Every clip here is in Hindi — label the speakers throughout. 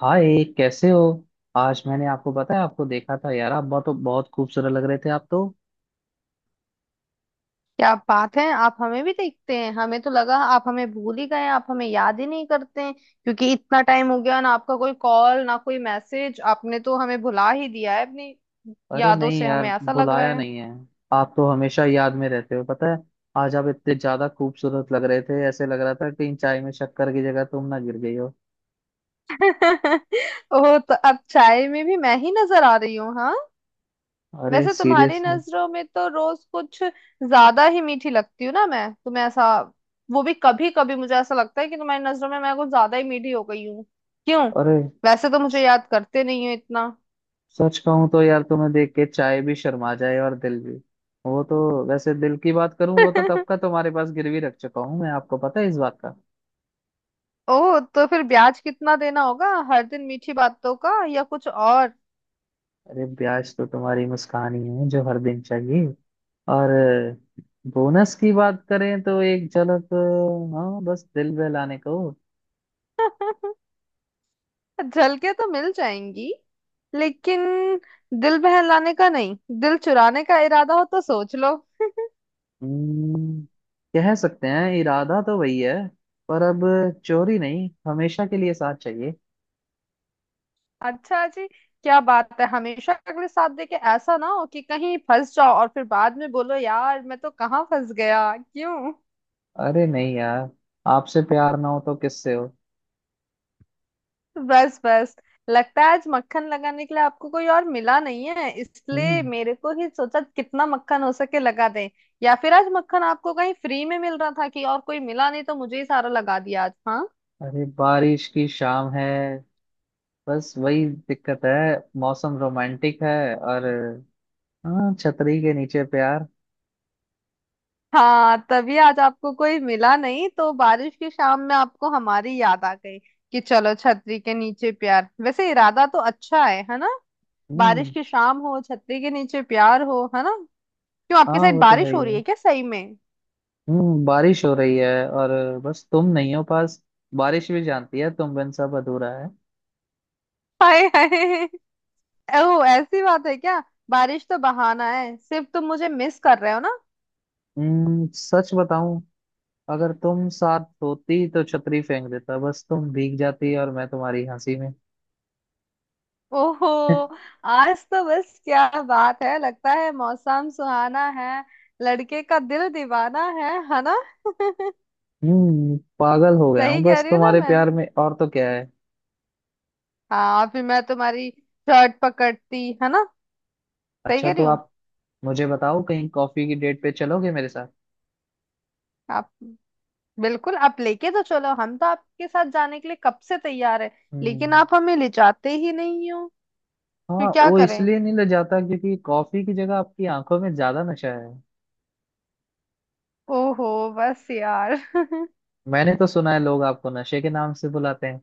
Speaker 1: हाय, कैसे हो। आज मैंने आपको पता है, आपको देखा था, यार आप बहुत बहुत खूबसूरत लग रहे थे आप तो।
Speaker 2: क्या बात है। आप हमें भी देखते हैं? हमें तो लगा आप हमें भूल ही गए हैं, आप हमें याद ही नहीं करते हैं क्योंकि इतना टाइम हो गया ना। आपका कोई कॉल ना कोई मैसेज, आपने तो हमें भुला ही दिया है अपनी
Speaker 1: अरे
Speaker 2: यादों
Speaker 1: नहीं
Speaker 2: से,
Speaker 1: यार,
Speaker 2: हमें ऐसा लग रहा
Speaker 1: बुलाया
Speaker 2: है।
Speaker 1: नहीं है। आप तो हमेशा याद में रहते हो, पता है। आज आप इतने ज्यादा खूबसूरत लग रहे थे, ऐसे लग रहा था कहीं चाय में शक्कर की जगह तुम ना गिर गई हो।
Speaker 2: ओ, तो अब चाय में भी मैं ही नजर आ रही हूँ, हाँ।
Speaker 1: अरे
Speaker 2: वैसे तुम्हारी
Speaker 1: सीरियसली।
Speaker 2: नजरों में तो रोज कुछ ज्यादा ही मीठी लगती हूँ ना मैं तुम्हें, ऐसा। वो भी कभी कभी मुझे ऐसा लगता है कि तुम्हारी नजरों में मैं कुछ ज्यादा ही मीठी हो गई हूँ। क्यों?
Speaker 1: अरे
Speaker 2: वैसे तो मुझे
Speaker 1: स-
Speaker 2: याद करते नहीं हो इतना।
Speaker 1: सच कहूं तो यार तुम्हें देख के चाय भी शर्मा जाए और दिल भी। वो तो, वैसे दिल की बात करूं वो तो कब का तुम्हारे पास गिरवी रख चुका हूं मैं, आपको पता है इस बात का।
Speaker 2: ओ, तो फिर ब्याज कितना देना होगा? हर दिन मीठी बातों का या कुछ और?
Speaker 1: अरे ब्याज तो तुम्हारी मुस्कान ही है जो हर दिन चाहिए। और बोनस की बात करें तो एक झलक, हाँ बस दिल बहलाने को।
Speaker 2: झलके तो मिल जाएंगी। लेकिन दिल बहलाने का नहीं, दिल चुराने का इरादा हो तो सोच लो।
Speaker 1: हम्म, कह सकते हैं इरादा तो वही है। पर अब चोरी नहीं, हमेशा के लिए साथ चाहिए।
Speaker 2: अच्छा जी, क्या बात है। हमेशा अगले साथ दे के ऐसा ना हो कि कहीं फंस जाओ और फिर बाद में बोलो यार मैं तो कहाँ फंस गया, क्यों।
Speaker 1: अरे नहीं यार, आपसे प्यार ना हो तो किससे हो।
Speaker 2: बस बस, लगता है आज मक्खन लगाने के लिए आपको कोई और मिला नहीं है, इसलिए
Speaker 1: हम्म।
Speaker 2: मेरे को ही सोचा कितना मक्खन हो सके लगा दें। या फिर आज मक्खन आपको कहीं फ्री में मिल रहा था कि और कोई मिला नहीं तो मुझे ही सारा लगा दिया आज, हाँ।
Speaker 1: अरे बारिश की शाम है, बस वही दिक्कत है। मौसम रोमांटिक है और हाँ, छतरी के नीचे प्यार।
Speaker 2: हाँ, तभी आज आपको कोई मिला नहीं तो बारिश की शाम में आपको हमारी याद आ गई कि चलो छतरी के नीचे प्यार। वैसे इरादा तो अच्छा है ना। बारिश
Speaker 1: हम्म।
Speaker 2: की शाम हो, छतरी के नीचे प्यार हो, है ना। क्यों, आपकी
Speaker 1: हाँ
Speaker 2: साइड
Speaker 1: वो तो है
Speaker 2: बारिश
Speaker 1: ही
Speaker 2: हो रही है
Speaker 1: है।
Speaker 2: क्या सही में?
Speaker 1: बारिश हो रही है, और बस तुम नहीं हो पास। बारिश भी जानती है तुम बिन सब अधूरा है।
Speaker 2: हाय हाय, ओह, ऐसी बात है क्या? बारिश तो बहाना है, सिर्फ तुम मुझे मिस कर रहे हो ना।
Speaker 1: सच बताऊं, अगर तुम साथ होती तो छतरी फेंक देता, बस तुम भीग जाती और मैं तुम्हारी हंसी में
Speaker 2: ओहो, आज तो बस क्या बात है। लगता है मौसम सुहाना है, लड़के का दिल दीवाना है ना।
Speaker 1: पागल हो गया
Speaker 2: सही
Speaker 1: हूँ
Speaker 2: कह
Speaker 1: बस
Speaker 2: रही हूँ ना
Speaker 1: तुम्हारे
Speaker 2: मैं?
Speaker 1: प्यार में, और तो क्या है।
Speaker 2: हाँ, फिर मैं तुम्हारी शर्ट पकड़ती है ना। सही
Speaker 1: अच्छा
Speaker 2: कह
Speaker 1: तो
Speaker 2: रही हूँ।
Speaker 1: आप मुझे बताओ, कहीं कॉफी की डेट पे चलोगे मेरे साथ?
Speaker 2: आप, बिल्कुल आप लेके तो चलो, हम तो आपके साथ जाने के लिए कब से तैयार है। लेकिन
Speaker 1: हम्म।
Speaker 2: आप हमें ले जाते ही नहीं हो। फिर
Speaker 1: हाँ,
Speaker 2: क्या
Speaker 1: वो
Speaker 2: करें?
Speaker 1: इसलिए नहीं ले जाता क्योंकि कॉफी की जगह आपकी आंखों में ज्यादा नशा है।
Speaker 2: ओहो, बस यार।
Speaker 1: मैंने तो सुना है लोग आपको नशे के नाम से बुलाते हैं।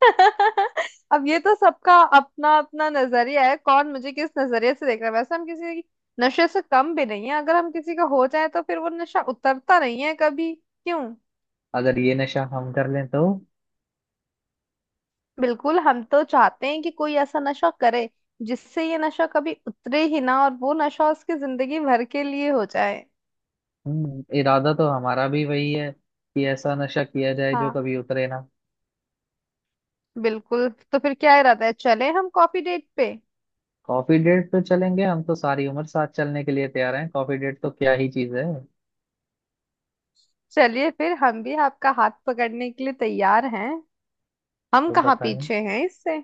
Speaker 2: अब ये तो सबका अपना अपना नजरिया है, कौन मुझे किस नजरिए से देख रहा है। वैसे हम किसी की नशे से कम भी नहीं है, अगर हम किसी का हो जाए तो फिर वो नशा उतरता नहीं है कभी, क्यों।
Speaker 1: अगर ये नशा हम कर लें तो?
Speaker 2: बिल्कुल, हम तो चाहते हैं कि कोई ऐसा नशा करे जिससे ये नशा कभी उतरे ही ना, और वो नशा उसकी जिंदगी भर के लिए हो जाए।
Speaker 1: इरादा तो हमारा भी वही है कि ऐसा नशा किया जाए जो
Speaker 2: हाँ,
Speaker 1: कभी उतरे ना।
Speaker 2: बिल्कुल। तो फिर क्या इरादा है, चले हम कॉफी डेट पे?
Speaker 1: कॉफी डेट तो चलेंगे, हम तो सारी उम्र साथ चलने के लिए तैयार हैं, कॉफी डेट तो क्या ही चीज है।
Speaker 2: चलिए फिर, हम भी आपका हाथ पकड़ने के लिए तैयार हैं। हम
Speaker 1: तो
Speaker 2: कहाँ
Speaker 1: बताएं।
Speaker 2: पीछे हैं इससे।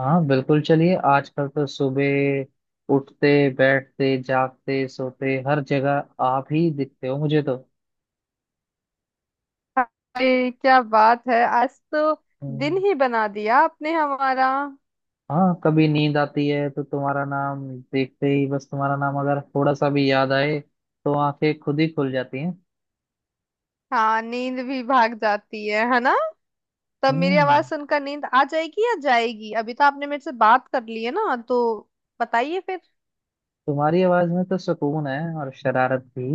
Speaker 1: हाँ बिल्कुल चलिए, आजकल तो सुबह उठते बैठते जागते सोते हर जगह आप ही दिखते हो मुझे तो।
Speaker 2: अरे क्या बात है, आज तो दिन
Speaker 1: हम्म,
Speaker 2: ही बना दिया आपने हमारा।
Speaker 1: हाँ कभी नींद आती है तो तुम्हारा नाम देखते ही, बस तुम्हारा नाम अगर थोड़ा सा भी याद आए तो आंखें खुद ही खुल जाती हैं।
Speaker 2: हाँ, नींद भी भाग जाती है ना। तब मेरी आवाज
Speaker 1: हम्म
Speaker 2: सुनकर नींद आ जाएगी या जाएगी? अभी तो आपने मेरे से बात कर ली है ना तो बताइए फिर।
Speaker 1: तुम्हारी आवाज में तो सुकून है और शरारत भी।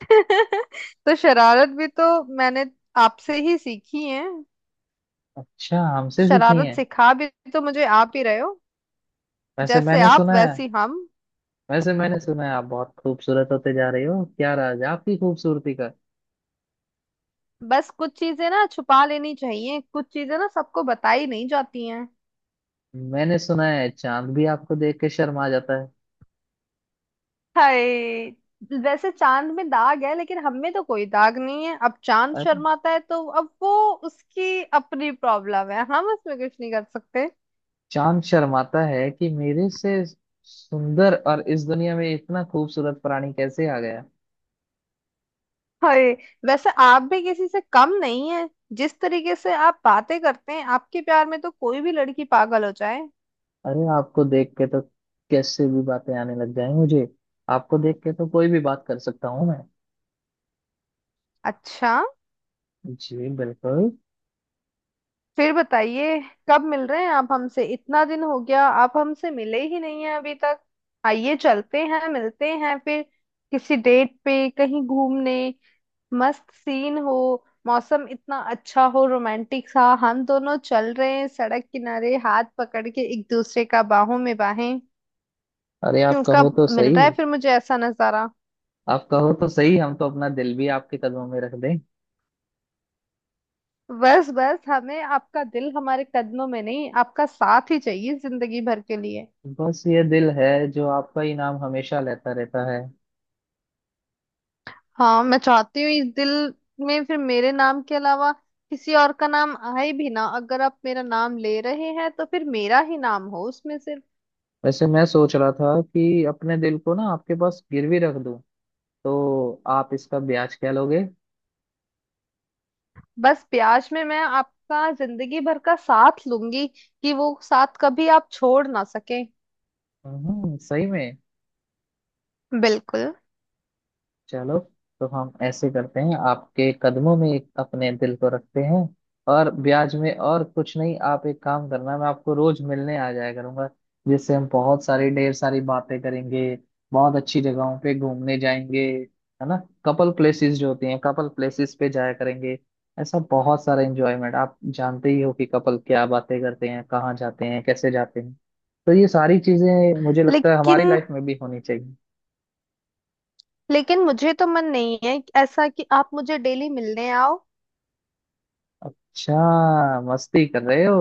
Speaker 2: तो शरारत भी तो मैंने आपसे ही सीखी है।
Speaker 1: अच्छा, हमसे सीखी
Speaker 2: शरारत
Speaker 1: है।
Speaker 2: सिखा भी तो मुझे आप ही रहे हो।
Speaker 1: वैसे
Speaker 2: जैसे
Speaker 1: मैंने
Speaker 2: आप,
Speaker 1: सुना है,
Speaker 2: वैसी हम।
Speaker 1: वैसे मैंने सुना है आप बहुत खूबसूरत होते जा रहे हो, क्या राज है आपकी खूबसूरती का?
Speaker 2: बस कुछ चीजें ना छुपा लेनी चाहिए, कुछ चीजें ना सबको बताई नहीं जाती हैं।
Speaker 1: मैंने सुना है चांद भी आपको देख के शर्मा जाता है।
Speaker 2: हाय, वैसे चांद में दाग है लेकिन हम में तो कोई दाग नहीं है। अब चांद
Speaker 1: अरे,
Speaker 2: शर्माता है तो अब वो उसकी अपनी प्रॉब्लम है, हम उसमें कुछ नहीं कर सकते।
Speaker 1: चांद शर्माता है कि मेरे से सुंदर और इस दुनिया में इतना खूबसूरत प्राणी कैसे आ गया।
Speaker 2: हाय, वैसे आप भी किसी से कम नहीं है। जिस तरीके से आप बातें करते हैं, आपके प्यार में तो कोई भी लड़की पागल हो जाए।
Speaker 1: अरे आपको देख के तो कैसे भी बातें आने लग जाए मुझे, आपको देख के तो कोई भी बात कर सकता हूँ मैं।
Speaker 2: अच्छा,
Speaker 1: जी बिल्कुल।
Speaker 2: फिर बताइए कब मिल रहे हैं आप हमसे? इतना दिन हो गया, आप हमसे मिले ही नहीं हैं अभी तक। आइए चलते हैं, मिलते हैं फिर किसी डेट पे कहीं घूमने। मस्त सीन हो, मौसम इतना अच्छा हो, रोमांटिक सा, हम दोनों चल रहे हैं सड़क किनारे हाथ पकड़ के एक दूसरे का, बाहों में बाहें।
Speaker 1: अरे आप
Speaker 2: क्यों,
Speaker 1: कहो
Speaker 2: कब
Speaker 1: तो
Speaker 2: मिल
Speaker 1: सही,
Speaker 2: रहा है फिर मुझे ऐसा नजारा?
Speaker 1: आप कहो तो सही हम तो अपना दिल भी आपके कदमों में रख दें।
Speaker 2: बस बस, हमें आपका दिल हमारे कदमों में नहीं, आपका साथ ही चाहिए जिंदगी भर के लिए।
Speaker 1: बस ये दिल है जो आपका इनाम हमेशा लेता रहता है।
Speaker 2: हाँ, मैं चाहती हूँ इस दिल में फिर मेरे नाम के अलावा किसी और का नाम आए भी ना। अगर आप मेरा नाम ले रहे हैं तो फिर मेरा ही नाम हो उसमें सिर्फ।
Speaker 1: वैसे मैं सोच रहा था कि अपने दिल को ना आपके पास गिरवी रख दूं, तो आप इसका ब्याज क्या लोगे?
Speaker 2: बस, प्यास में मैं आपका जिंदगी भर का साथ लूंगी कि वो साथ कभी आप छोड़ ना सके।
Speaker 1: सही में।
Speaker 2: बिल्कुल।
Speaker 1: चलो, तो हम ऐसे करते हैं, आपके कदमों में एक अपने दिल को रखते हैं, और ब्याज में और कुछ नहीं, आप एक काम करना, मैं आपको रोज मिलने आ जाया करूंगा, जिससे हम बहुत सारी ढेर सारी बातें करेंगे, बहुत अच्छी जगहों पे घूमने जाएंगे, है ना। कपल प्लेसेस जो होती हैं कपल प्लेसेस पे जाया करेंगे, ऐसा बहुत सारा एंजॉयमेंट, आप जानते ही हो कि कपल क्या बातें करते हैं, कहाँ जाते हैं, कैसे जाते हैं, तो ये सारी चीजें मुझे लगता है
Speaker 2: लेकिन,
Speaker 1: हमारी लाइफ में भी होनी चाहिए।
Speaker 2: लेकिन मुझे तो मन नहीं है ऐसा कि आप मुझे डेली मिलने आओ।
Speaker 1: अच्छा, मस्ती कर रहे हो।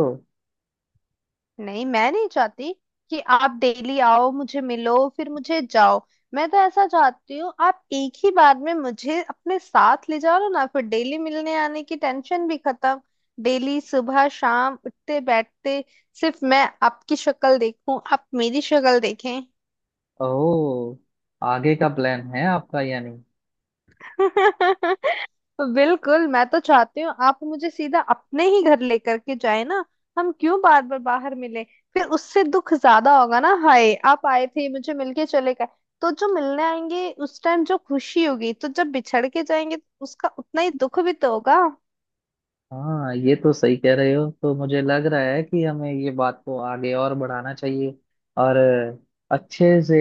Speaker 2: नहीं, मैं नहीं चाहती कि आप डेली आओ मुझे मिलो फिर मुझे जाओ। मैं तो ऐसा चाहती हूँ आप एक ही बार में मुझे अपने साथ ले जाओ ना, फिर डेली मिलने आने की टेंशन भी खत्म। डेली सुबह शाम उठते बैठते सिर्फ मैं आपकी शक्ल देखूं, आप मेरी शक्ल देखें।
Speaker 1: ओह, आगे का प्लान है आपका यानी।
Speaker 2: बिल्कुल, मैं तो चाहती हूँ आप मुझे सीधा अपने ही घर लेकर के जाए ना। हम क्यों बार बार बाहर मिले? फिर उससे दुख ज्यादा होगा ना, हाय आप आए थे मुझे मिलके चले गए। तो जो मिलने आएंगे उस टाइम जो खुशी होगी, तो जब बिछड़ के जाएंगे तो उसका उतना ही दुख भी तो होगा।
Speaker 1: हाँ ये तो सही कह रहे हो, तो मुझे लग रहा है कि हमें ये बात को आगे और बढ़ाना चाहिए और अच्छे से,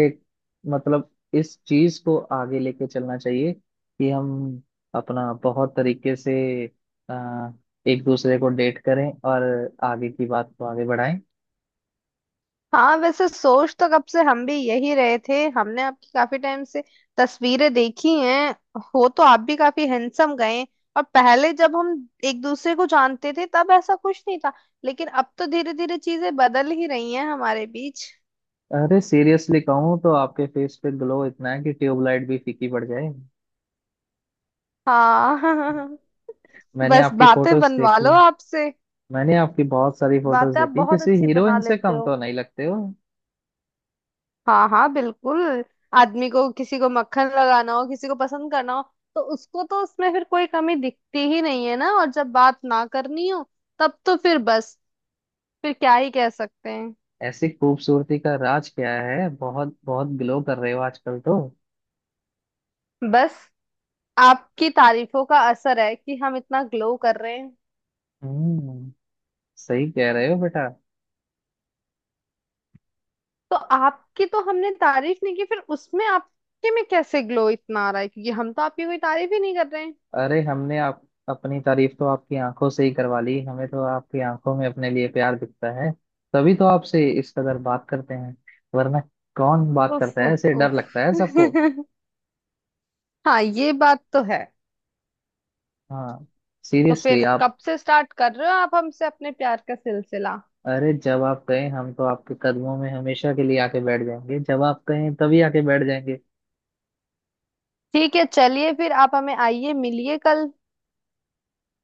Speaker 1: मतलब इस चीज को आगे लेके चलना चाहिए कि हम अपना बहुत तरीके से अ, एक दूसरे को डेट करें और आगे की बात को आगे बढ़ाएं।
Speaker 2: हाँ, वैसे सोच तो कब से हम भी यही रहे थे। हमने आपकी काफी टाइम से तस्वीरें देखी हैं, हो तो आप भी काफी हैंडसम गए। और पहले जब हम एक दूसरे को जानते थे तब ऐसा कुछ नहीं था, लेकिन अब तो धीरे धीरे चीजें बदल ही रही हैं हमारे बीच।
Speaker 1: अरे सीरियसली कहूँ तो आपके फेस पे ग्लो इतना है कि ट्यूबलाइट भी फीकी पड़ जाए।
Speaker 2: हाँ।
Speaker 1: मैंने
Speaker 2: बस,
Speaker 1: आपकी
Speaker 2: बातें
Speaker 1: फोटोज
Speaker 2: बनवा
Speaker 1: देखी,
Speaker 2: लो आपसे।
Speaker 1: मैंने आपकी बहुत सारी फोटोज
Speaker 2: बातें आप
Speaker 1: देखी,
Speaker 2: बहुत
Speaker 1: किसी
Speaker 2: अच्छी बना
Speaker 1: हीरोइन से
Speaker 2: लेते
Speaker 1: कम
Speaker 2: हो।
Speaker 1: तो नहीं लगते हो।
Speaker 2: हाँ हाँ, बिल्कुल। आदमी को किसी को मक्खन लगाना हो, किसी को पसंद करना हो तो उसको तो उसमें फिर कोई कमी दिखती ही नहीं है ना। और जब बात ना करनी हो तब तो फिर बस, फिर क्या ही कह सकते हैं।
Speaker 1: ऐसी खूबसूरती का राज क्या है, बहुत बहुत ग्लो कर रहे हो आजकल तो।
Speaker 2: बस आपकी तारीफों का असर है कि हम इतना ग्लो कर रहे हैं।
Speaker 1: हम्म सही कह रहे हो बेटा।
Speaker 2: तो आपकी तो हमने तारीफ नहीं की, फिर उसमें आपके में कैसे ग्लो इतना आ रहा है, क्योंकि हम तो आपकी कोई तारीफ ही नहीं कर रहे हैं।
Speaker 1: अरे हमने आप, अपनी तारीफ तो आपकी आंखों से ही करवा ली, हमें तो आपकी आंखों में अपने लिए प्यार दिखता है, तभी तो आपसे इस कदर बात करते हैं, वरना कौन बात
Speaker 2: उफ
Speaker 1: करता है
Speaker 2: उफ
Speaker 1: ऐसे, डर
Speaker 2: उफ।
Speaker 1: लगता है सबको।
Speaker 2: हाँ, ये बात तो है।
Speaker 1: हाँ,
Speaker 2: तो
Speaker 1: सीरियसली
Speaker 2: फिर
Speaker 1: आप।
Speaker 2: कब से स्टार्ट कर रहे हो आप हमसे अपने प्यार का सिलसिला?
Speaker 1: अरे जब आप कहें हम तो आपके कदमों में हमेशा के लिए आके बैठ जाएंगे, जब आप कहें तभी आके बैठ जाएंगे।
Speaker 2: ठीक है, चलिए फिर आप हमें आइए मिलिए कल।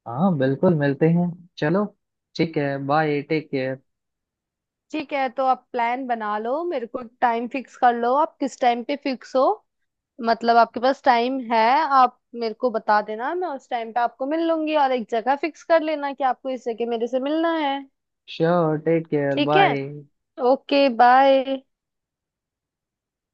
Speaker 1: हाँ बिल्कुल, मिलते हैं। चलो, ठीक है, बाय, टेक केयर।
Speaker 2: ठीक है, तो आप प्लान बना लो, मेरे को टाइम फिक्स कर लो। आप किस टाइम पे फिक्स हो, मतलब आपके पास टाइम है? आप मेरे को बता देना, मैं उस टाइम पे आपको मिल लूंगी। और एक जगह फिक्स कर लेना कि आपको इस जगह मेरे से मिलना है।
Speaker 1: श्योर, टेक केयर,
Speaker 2: ठीक है,
Speaker 1: बाय।
Speaker 2: Okay, bye.